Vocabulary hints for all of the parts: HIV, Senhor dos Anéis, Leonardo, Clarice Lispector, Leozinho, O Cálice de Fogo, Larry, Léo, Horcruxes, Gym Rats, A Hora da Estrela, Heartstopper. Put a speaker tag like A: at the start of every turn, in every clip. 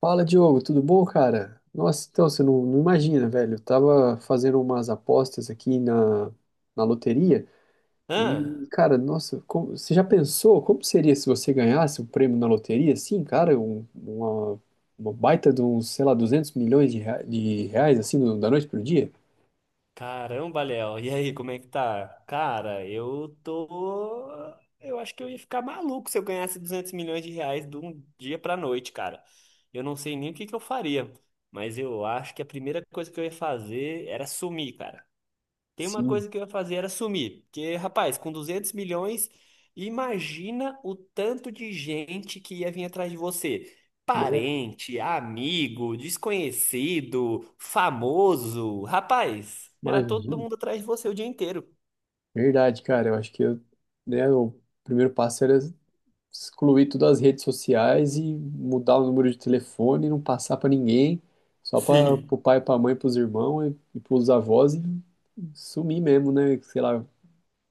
A: Fala, Diogo, tudo bom, cara? Nossa, então você não imagina, velho. Eu tava fazendo umas apostas aqui na loteria e,
B: Ah,
A: cara, nossa, você já pensou como seria se você ganhasse um prêmio na loteria? Assim, cara, uma baita de uns, sei lá, 200 milhões de reais, assim, da noite pro dia?
B: caramba, Léo. E aí, como é que tá? Cara, eu tô. Eu acho que eu ia ficar maluco se eu ganhasse 200 milhões de reais de um dia pra noite, cara. Eu não sei nem o que que eu faria, mas eu acho que a primeira coisa que eu ia fazer era sumir, cara. Tem uma
A: Sim,
B: coisa que eu ia fazer era sumir. Porque, rapaz, com 200 milhões, imagina o tanto de gente que ia vir atrás de você.
A: né?
B: Parente, amigo, desconhecido, famoso. Rapaz, era todo
A: Imagina.
B: mundo atrás de você o dia inteiro.
A: Verdade, cara. Eu acho que eu, né, o primeiro passo era excluir todas as redes sociais e mudar o número de telefone, não passar pra ninguém, só para o
B: Sim.
A: pai, pra mãe, pros irmãos e pros avós e sumir mesmo, né? Sei lá,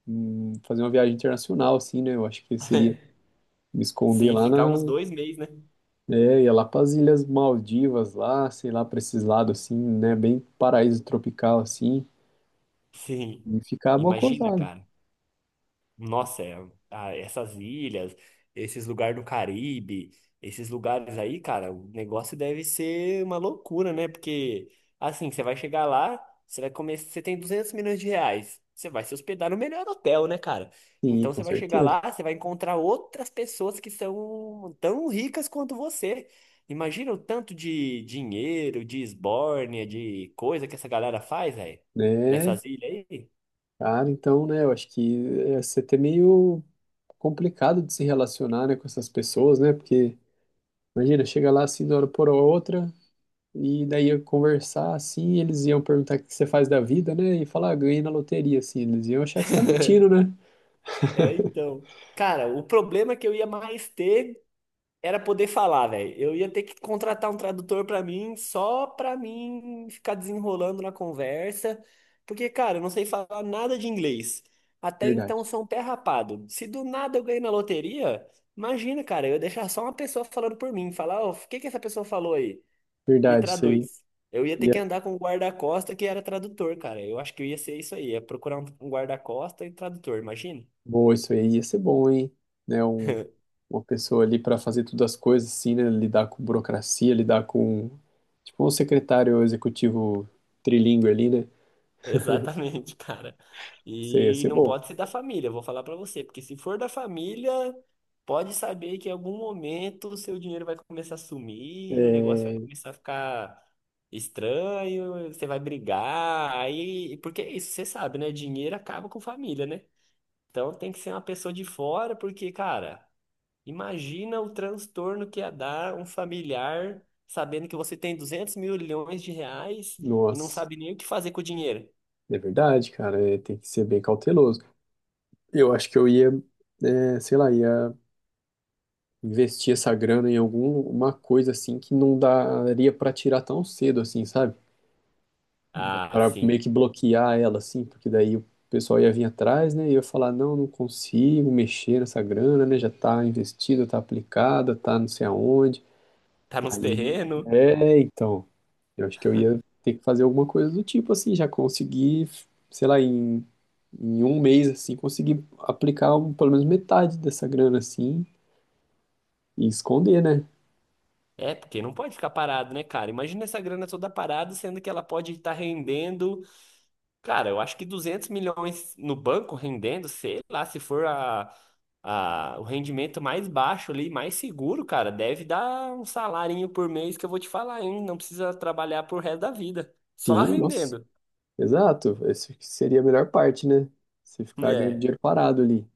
A: fazer uma viagem internacional, assim, né? Eu acho que seria me esconder
B: Sim,
A: lá
B: ficar
A: na.
B: uns 2 meses, né?
A: É, ia lá pras Ilhas Maldivas, lá, sei lá, pra esses lados, assim, né? Bem paraíso tropical, assim,
B: Sim.
A: e ficar
B: Imagina,
A: mocosado.
B: cara. Nossa, é, ah, essas ilhas, esses lugares do Caribe, esses lugares aí, cara, o negócio deve ser uma loucura, né? Porque, assim, você vai chegar lá, você vai comer, você tem 200 milhões de reais, você vai se hospedar no melhor hotel, né, cara?
A: Sim,
B: Então
A: com
B: você vai chegar
A: certeza.
B: lá, você vai encontrar outras pessoas que são tão ricas quanto você. Imagina o tanto de dinheiro, de esbórnia, de coisa que essa galera faz, aí,
A: Né?
B: nessas ilhas aí.
A: Cara, então, né? Eu acho que ia ser até meio complicado de se relacionar, né, com essas pessoas, né? Porque imagina, chega lá assim de uma hora por outra e daí ia conversar assim, e eles iam perguntar o que você faz da vida, né? E falar, ah, ganhei na loteria, assim, eles iam achar que você tá mentindo, né?
B: É, então. Cara, o problema que eu ia mais ter era poder falar, velho. Eu ia ter que contratar um tradutor pra mim, só pra mim ficar desenrolando na conversa, porque, cara, eu não sei falar nada de inglês. Até então
A: Verdade.
B: eu sou um pé rapado. Se do nada eu ganhei na loteria, imagina, cara, eu ia deixar só uma pessoa falando por mim, falar, ó, o que que essa pessoa falou aí? Me
A: Verdade, isso aí.
B: traduz. Eu ia ter
A: Ia,
B: que andar com um guarda-costa que era tradutor, cara. Eu acho que eu ia ser isso aí, ia procurar um guarda-costa e tradutor, imagina.
A: boa, isso aí ia ser bom, hein? Né, uma pessoa ali para fazer todas as coisas assim, né? Lidar com burocracia, lidar com tipo um secretário executivo trilingue ali, né?
B: Exatamente, cara.
A: Isso aí ia
B: E
A: ser
B: não
A: bom.
B: pode ser da família, eu vou falar pra você, porque se for da família, pode saber que em algum momento o seu dinheiro vai começar a sumir, o
A: É.
B: negócio vai começar a ficar estranho, você vai brigar, aí, porque é isso você sabe, né? Dinheiro acaba com família, né? Então tem que ser uma pessoa de fora, porque, cara, imagina o transtorno que ia dar um familiar sabendo que você tem 200 milhões de reais e não
A: Nossa.
B: sabe nem o que fazer com o dinheiro.
A: É verdade, cara, é, tem que ser bem cauteloso. Eu acho que eu ia, é, sei lá, ia investir essa grana em alguma coisa assim que não daria pra tirar tão cedo assim, sabe?
B: Ah,
A: Para
B: sim.
A: meio que bloquear ela assim, porque daí o pessoal ia vir atrás, né? E ia falar, não, não consigo mexer nessa grana, né? Já tá investida, tá aplicada, tá não sei aonde.
B: Tá nos
A: Aí,
B: terrenos.
A: é, então. Eu acho que eu ia ter que fazer alguma coisa do tipo assim, já conseguir, sei lá, em um mês assim, conseguir aplicar pelo menos metade dessa grana assim e esconder, né?
B: É, porque não pode ficar parado, né, cara? Imagina essa grana toda parada, sendo que ela pode estar rendendo. Cara, eu acho que 200 milhões no banco rendendo, sei lá, se for o rendimento mais baixo ali, mais seguro, cara, deve dar um salarinho por mês que eu vou te falar, hein? Não precisa trabalhar pro resto da vida. Só
A: Sim, nossa,
B: rendendo.
A: exato. Essa que seria a melhor parte, né? Você ficar ganhando
B: É.
A: dinheiro parado ali.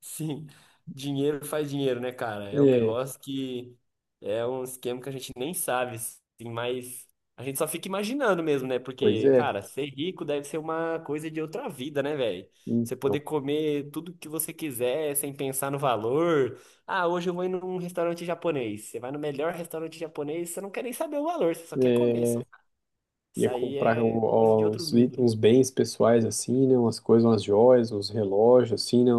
B: Sim, dinheiro faz dinheiro, né, cara? É um
A: É,
B: negócio que é um esquema que a gente nem sabe, assim, mas a gente só fica imaginando mesmo, né?
A: pois
B: Porque,
A: é.
B: cara, ser rico deve ser uma coisa de outra vida, né, velho? Você poder
A: Então,
B: comer tudo que você quiser sem pensar no valor. Ah, hoje eu vou ir num restaurante japonês. Você vai no melhor restaurante japonês, você não quer nem saber o valor, você só quer comer. Só.
A: é,
B: Isso
A: ia
B: aí
A: comprar
B: é coisa de
A: um-
B: outro
A: uns, i-
B: mundo, né?
A: uns bens pessoais assim, né? Umas coisas, umas joias, uns relógios assim, né?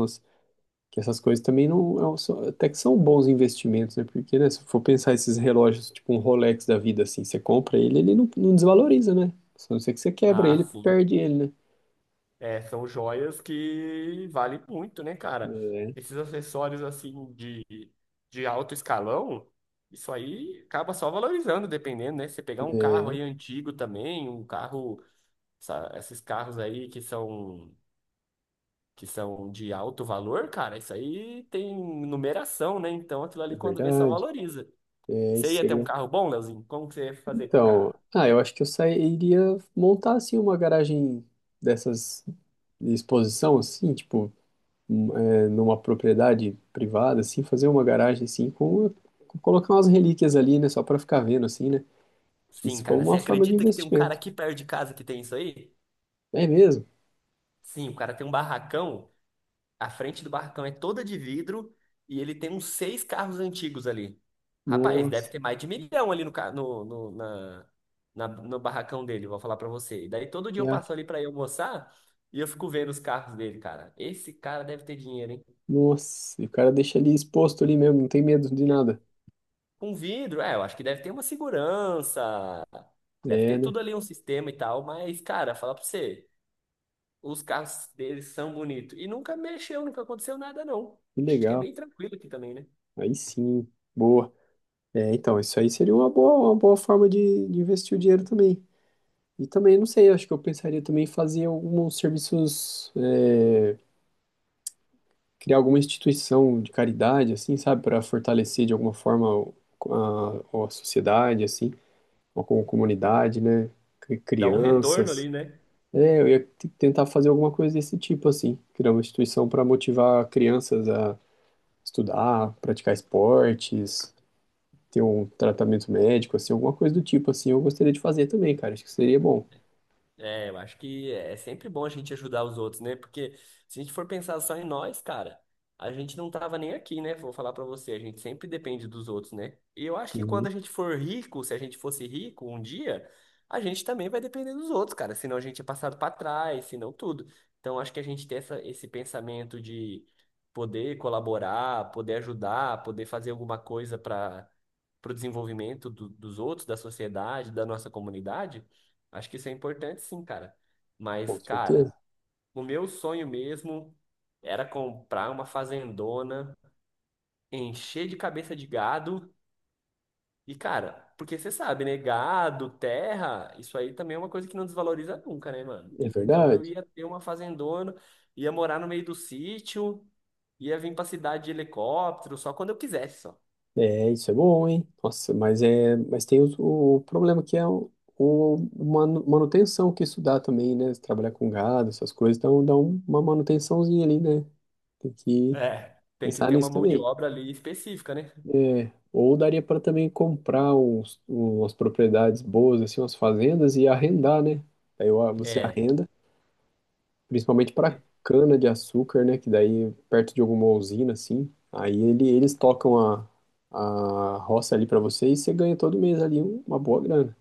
A: Que essas coisas também não. Até que são bons investimentos, né? Porque, né, se for pensar esses relógios, tipo um Rolex da vida, assim, você compra ele, ele não desvaloriza, né? Só não ser que você quebra
B: Ah,
A: ele,
B: sim.
A: perde ele, né?
B: É, são joias que valem muito, né, cara?
A: É,
B: Esses acessórios assim de alto escalão, isso aí acaba só valorizando, dependendo, né? Você pegar um carro
A: é,
B: aí antigo também, um carro, esses carros aí que são de alto valor, cara, isso aí tem numeração, né? Então aquilo
A: é
B: ali quando vê só
A: verdade.
B: valoriza.
A: É,
B: Você
A: isso
B: ia ter
A: seria.
B: um
A: Um,
B: carro bom, Leozinho? Como que você ia fazer com o
A: então,
B: carro?
A: ah, eu acho que eu sairia montar, assim, uma garagem dessas de exposição, assim, tipo, um, é, numa propriedade privada, assim, fazer uma garagem, assim, colocar umas relíquias ali, né? Só pra ficar vendo, assim, né?
B: Sim,
A: Isso
B: cara,
A: como
B: você
A: uma forma de
B: acredita que tem um cara
A: investimento.
B: aqui perto de casa que tem isso aí?
A: É mesmo?
B: Sim, o cara tem um barracão. A frente do barracão é toda de vidro e ele tem uns seis carros antigos ali. Rapaz, deve
A: Nossa,
B: ter mais de milhão ali no barracão dele, vou falar pra você. E daí todo dia
A: é
B: eu
A: a-
B: passo ali pra ir almoçar e eu fico vendo os carros dele, cara. Esse cara deve ter dinheiro, hein?
A: nossa, e o cara deixa ali exposto ali mesmo, não tem medo de nada.
B: Com vidro, é, eu acho que deve ter uma segurança, deve
A: É,
B: ter
A: né?
B: tudo ali, um sistema e tal, mas, cara, falar pra você, os carros deles são bonitos. E nunca mexeu, nunca aconteceu nada, não.
A: Que
B: Acho que é
A: legal.
B: bem tranquilo aqui também, né?
A: Aí sim, boa. É, então, isso aí seria uma boa forma de investir o dinheiro também. E também, não sei, acho que eu pensaria também em fazer alguns serviços, é, criar alguma instituição de caridade, assim, sabe, para fortalecer de alguma forma a sociedade, assim, ou com a comunidade, né?
B: Dá um retorno
A: Crianças.
B: ali, né?
A: É, eu ia tentar fazer alguma coisa desse tipo, assim, criar uma instituição para motivar crianças a estudar, praticar esportes, ter um tratamento médico, assim, alguma coisa do tipo, assim, eu gostaria de fazer também, cara, acho que seria bom.
B: É, eu acho que é sempre bom a gente ajudar os outros, né? Porque se a gente for pensar só em nós, cara, a gente não tava nem aqui, né? Vou falar pra você, a gente sempre depende dos outros, né? E eu acho que quando
A: Uhum,
B: a gente for rico, se a gente fosse rico um dia, a gente também vai depender dos outros, cara. Senão a gente é passado pra trás, senão tudo. Então acho que a gente tem esse pensamento de poder colaborar, poder ajudar, poder fazer alguma coisa para pro desenvolvimento dos outros, da sociedade, da nossa comunidade. Acho que isso é importante sim, cara.
A: com
B: Mas,
A: certeza,
B: cara, o meu sonho mesmo era comprar uma fazendona, encher de cabeça de gado. E, cara, porque você sabe, né? Gado, terra, isso aí também é uma coisa que não desvaloriza nunca, né, mano?
A: é
B: Então eu
A: verdade.
B: ia ter uma fazendona, ia morar no meio do sítio, ia vir pra cidade de helicóptero, só quando eu quisesse, só.
A: É, isso é bom, hein? Nossa, mas é, mas tem o problema que é o manutenção que isso dá também, né? Se trabalhar com gado, essas coisas, então dá uma manutençãozinha ali, né? Tem que
B: É, tem que
A: pensar
B: ter
A: nisso
B: uma mão de
A: também.
B: obra ali específica, né?
A: É, ou daria para também comprar umas propriedades boas, assim, umas fazendas e arrendar, né? Daí ó, você
B: É.
A: arrenda, principalmente para cana de açúcar, né? Que daí perto de alguma usina, assim, aí ele, eles tocam a roça ali para você e você ganha todo mês ali uma boa grana,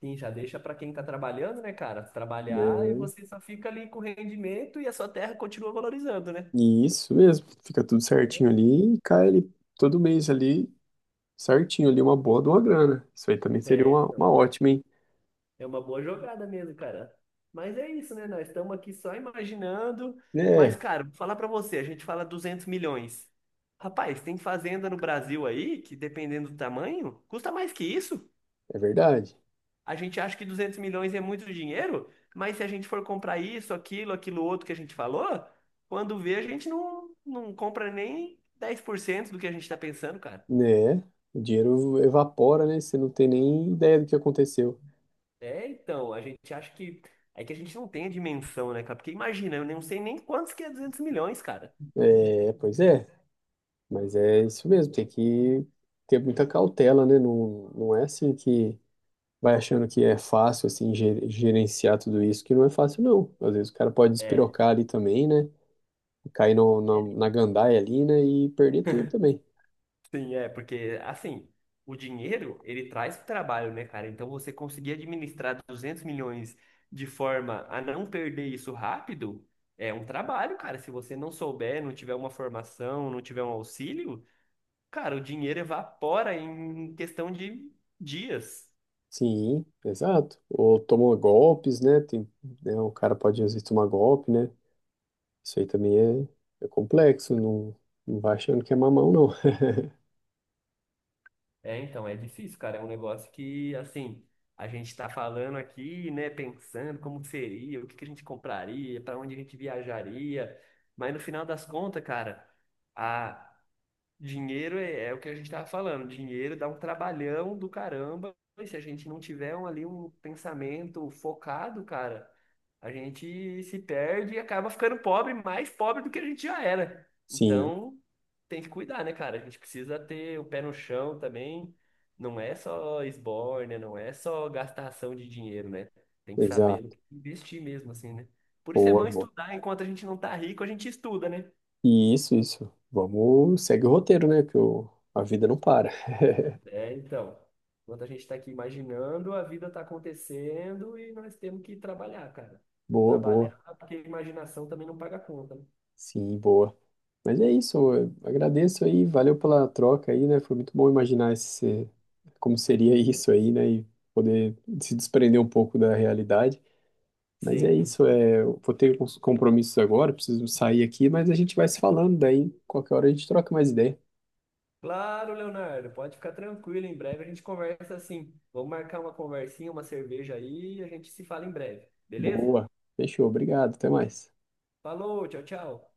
B: Sim, já deixa para quem está trabalhando, né, cara? Trabalhar
A: né?
B: e você só fica ali com rendimento e a sua terra continua valorizando, né?
A: E isso mesmo, fica tudo certinho ali e cai ali todo mês ali, certinho ali, uma boa de uma grana. Isso aí também seria
B: É,
A: uma
B: então,
A: ótima, hein?
B: é uma boa jogada mesmo, cara. Mas é isso, né? Nós estamos aqui só imaginando. Mas,
A: É,
B: cara, vou falar pra você, a gente fala 200 milhões. Rapaz, tem fazenda no Brasil aí que, dependendo do tamanho, custa mais que isso.
A: é verdade.
B: A gente acha que 200 milhões é muito dinheiro, mas se a gente for comprar isso, aquilo, aquilo outro que a gente falou, quando vê, a gente não compra nem 10% do que a gente está pensando, cara.
A: Né? O dinheiro evapora, né? Você não tem nem ideia do que aconteceu.
B: É, então, a gente acha que. É que a gente não tem a dimensão, né, cara? Porque imagina, eu não sei nem quantos que é 200 milhões, cara.
A: É, pois é, mas é isso mesmo, tem que ter muita cautela, né? Não, não é assim que vai achando que é fácil, assim, gerenciar tudo isso, que não é fácil, não. Às vezes o cara pode
B: É.
A: despirocar ali também, né? Cair no, na, na gandaia ali, né? E perder tudo também.
B: Sim, é, porque assim, o dinheiro, ele traz trabalho, né, cara? Então você conseguir administrar 200 milhões de forma a não perder isso rápido, é um trabalho, cara. Se você não souber, não tiver uma formação, não tiver um auxílio, cara, o dinheiro evapora em questão de dias.
A: Sim, exato. Ou tomou golpes, né? Tem, né? O cara pode, às vezes, tomar golpe, né? Isso aí também é, é complexo, não, não vai achando que é mamão, não.
B: É, então, é difícil, cara. É um negócio que, assim, a gente tá falando aqui, né, pensando como que seria, o que que a gente compraria, para onde a gente viajaria, mas no final das contas, cara, a Dinheiro é, é o que a gente estava falando. Dinheiro dá um trabalhão do caramba. E se a gente não tiver um, ali um pensamento focado, cara, a gente se perde e acaba ficando pobre, mais pobre do que a gente já era.
A: Sim,
B: Então, tem que cuidar, né, cara? A gente precisa ter o pé no chão também. Não é só esbórnia, não é só gastação de dinheiro, né? Tem que saber no
A: exato.
B: que investir mesmo, assim, né? Por isso é
A: Boa,
B: bom
A: boa.
B: estudar. Enquanto a gente não tá rico, a gente estuda, né?
A: E isso, isso. Vamos, segue o roteiro, né? A vida não para.
B: É, então, enquanto a gente está aqui imaginando, a vida está acontecendo e nós temos que trabalhar, cara.
A: Boa,
B: Trabalhar,
A: boa.
B: porque a imaginação também não paga conta, né?
A: Sim, boa. Mas é isso, eu agradeço aí, valeu pela troca aí, né? Foi muito bom imaginar esse, como seria isso aí, né? E poder se desprender um pouco da realidade. Mas é
B: Sim.
A: isso, é, eu vou ter uns compromissos agora, preciso sair aqui, mas a gente vai se falando, daí qualquer hora a gente troca mais ideia.
B: Claro, Leonardo, pode ficar tranquilo. Em breve a gente conversa assim. Vamos marcar uma conversinha, uma cerveja aí e a gente se fala em breve, beleza?
A: Boa. Fechou. Obrigado. Até mais.
B: Falou, tchau, tchau.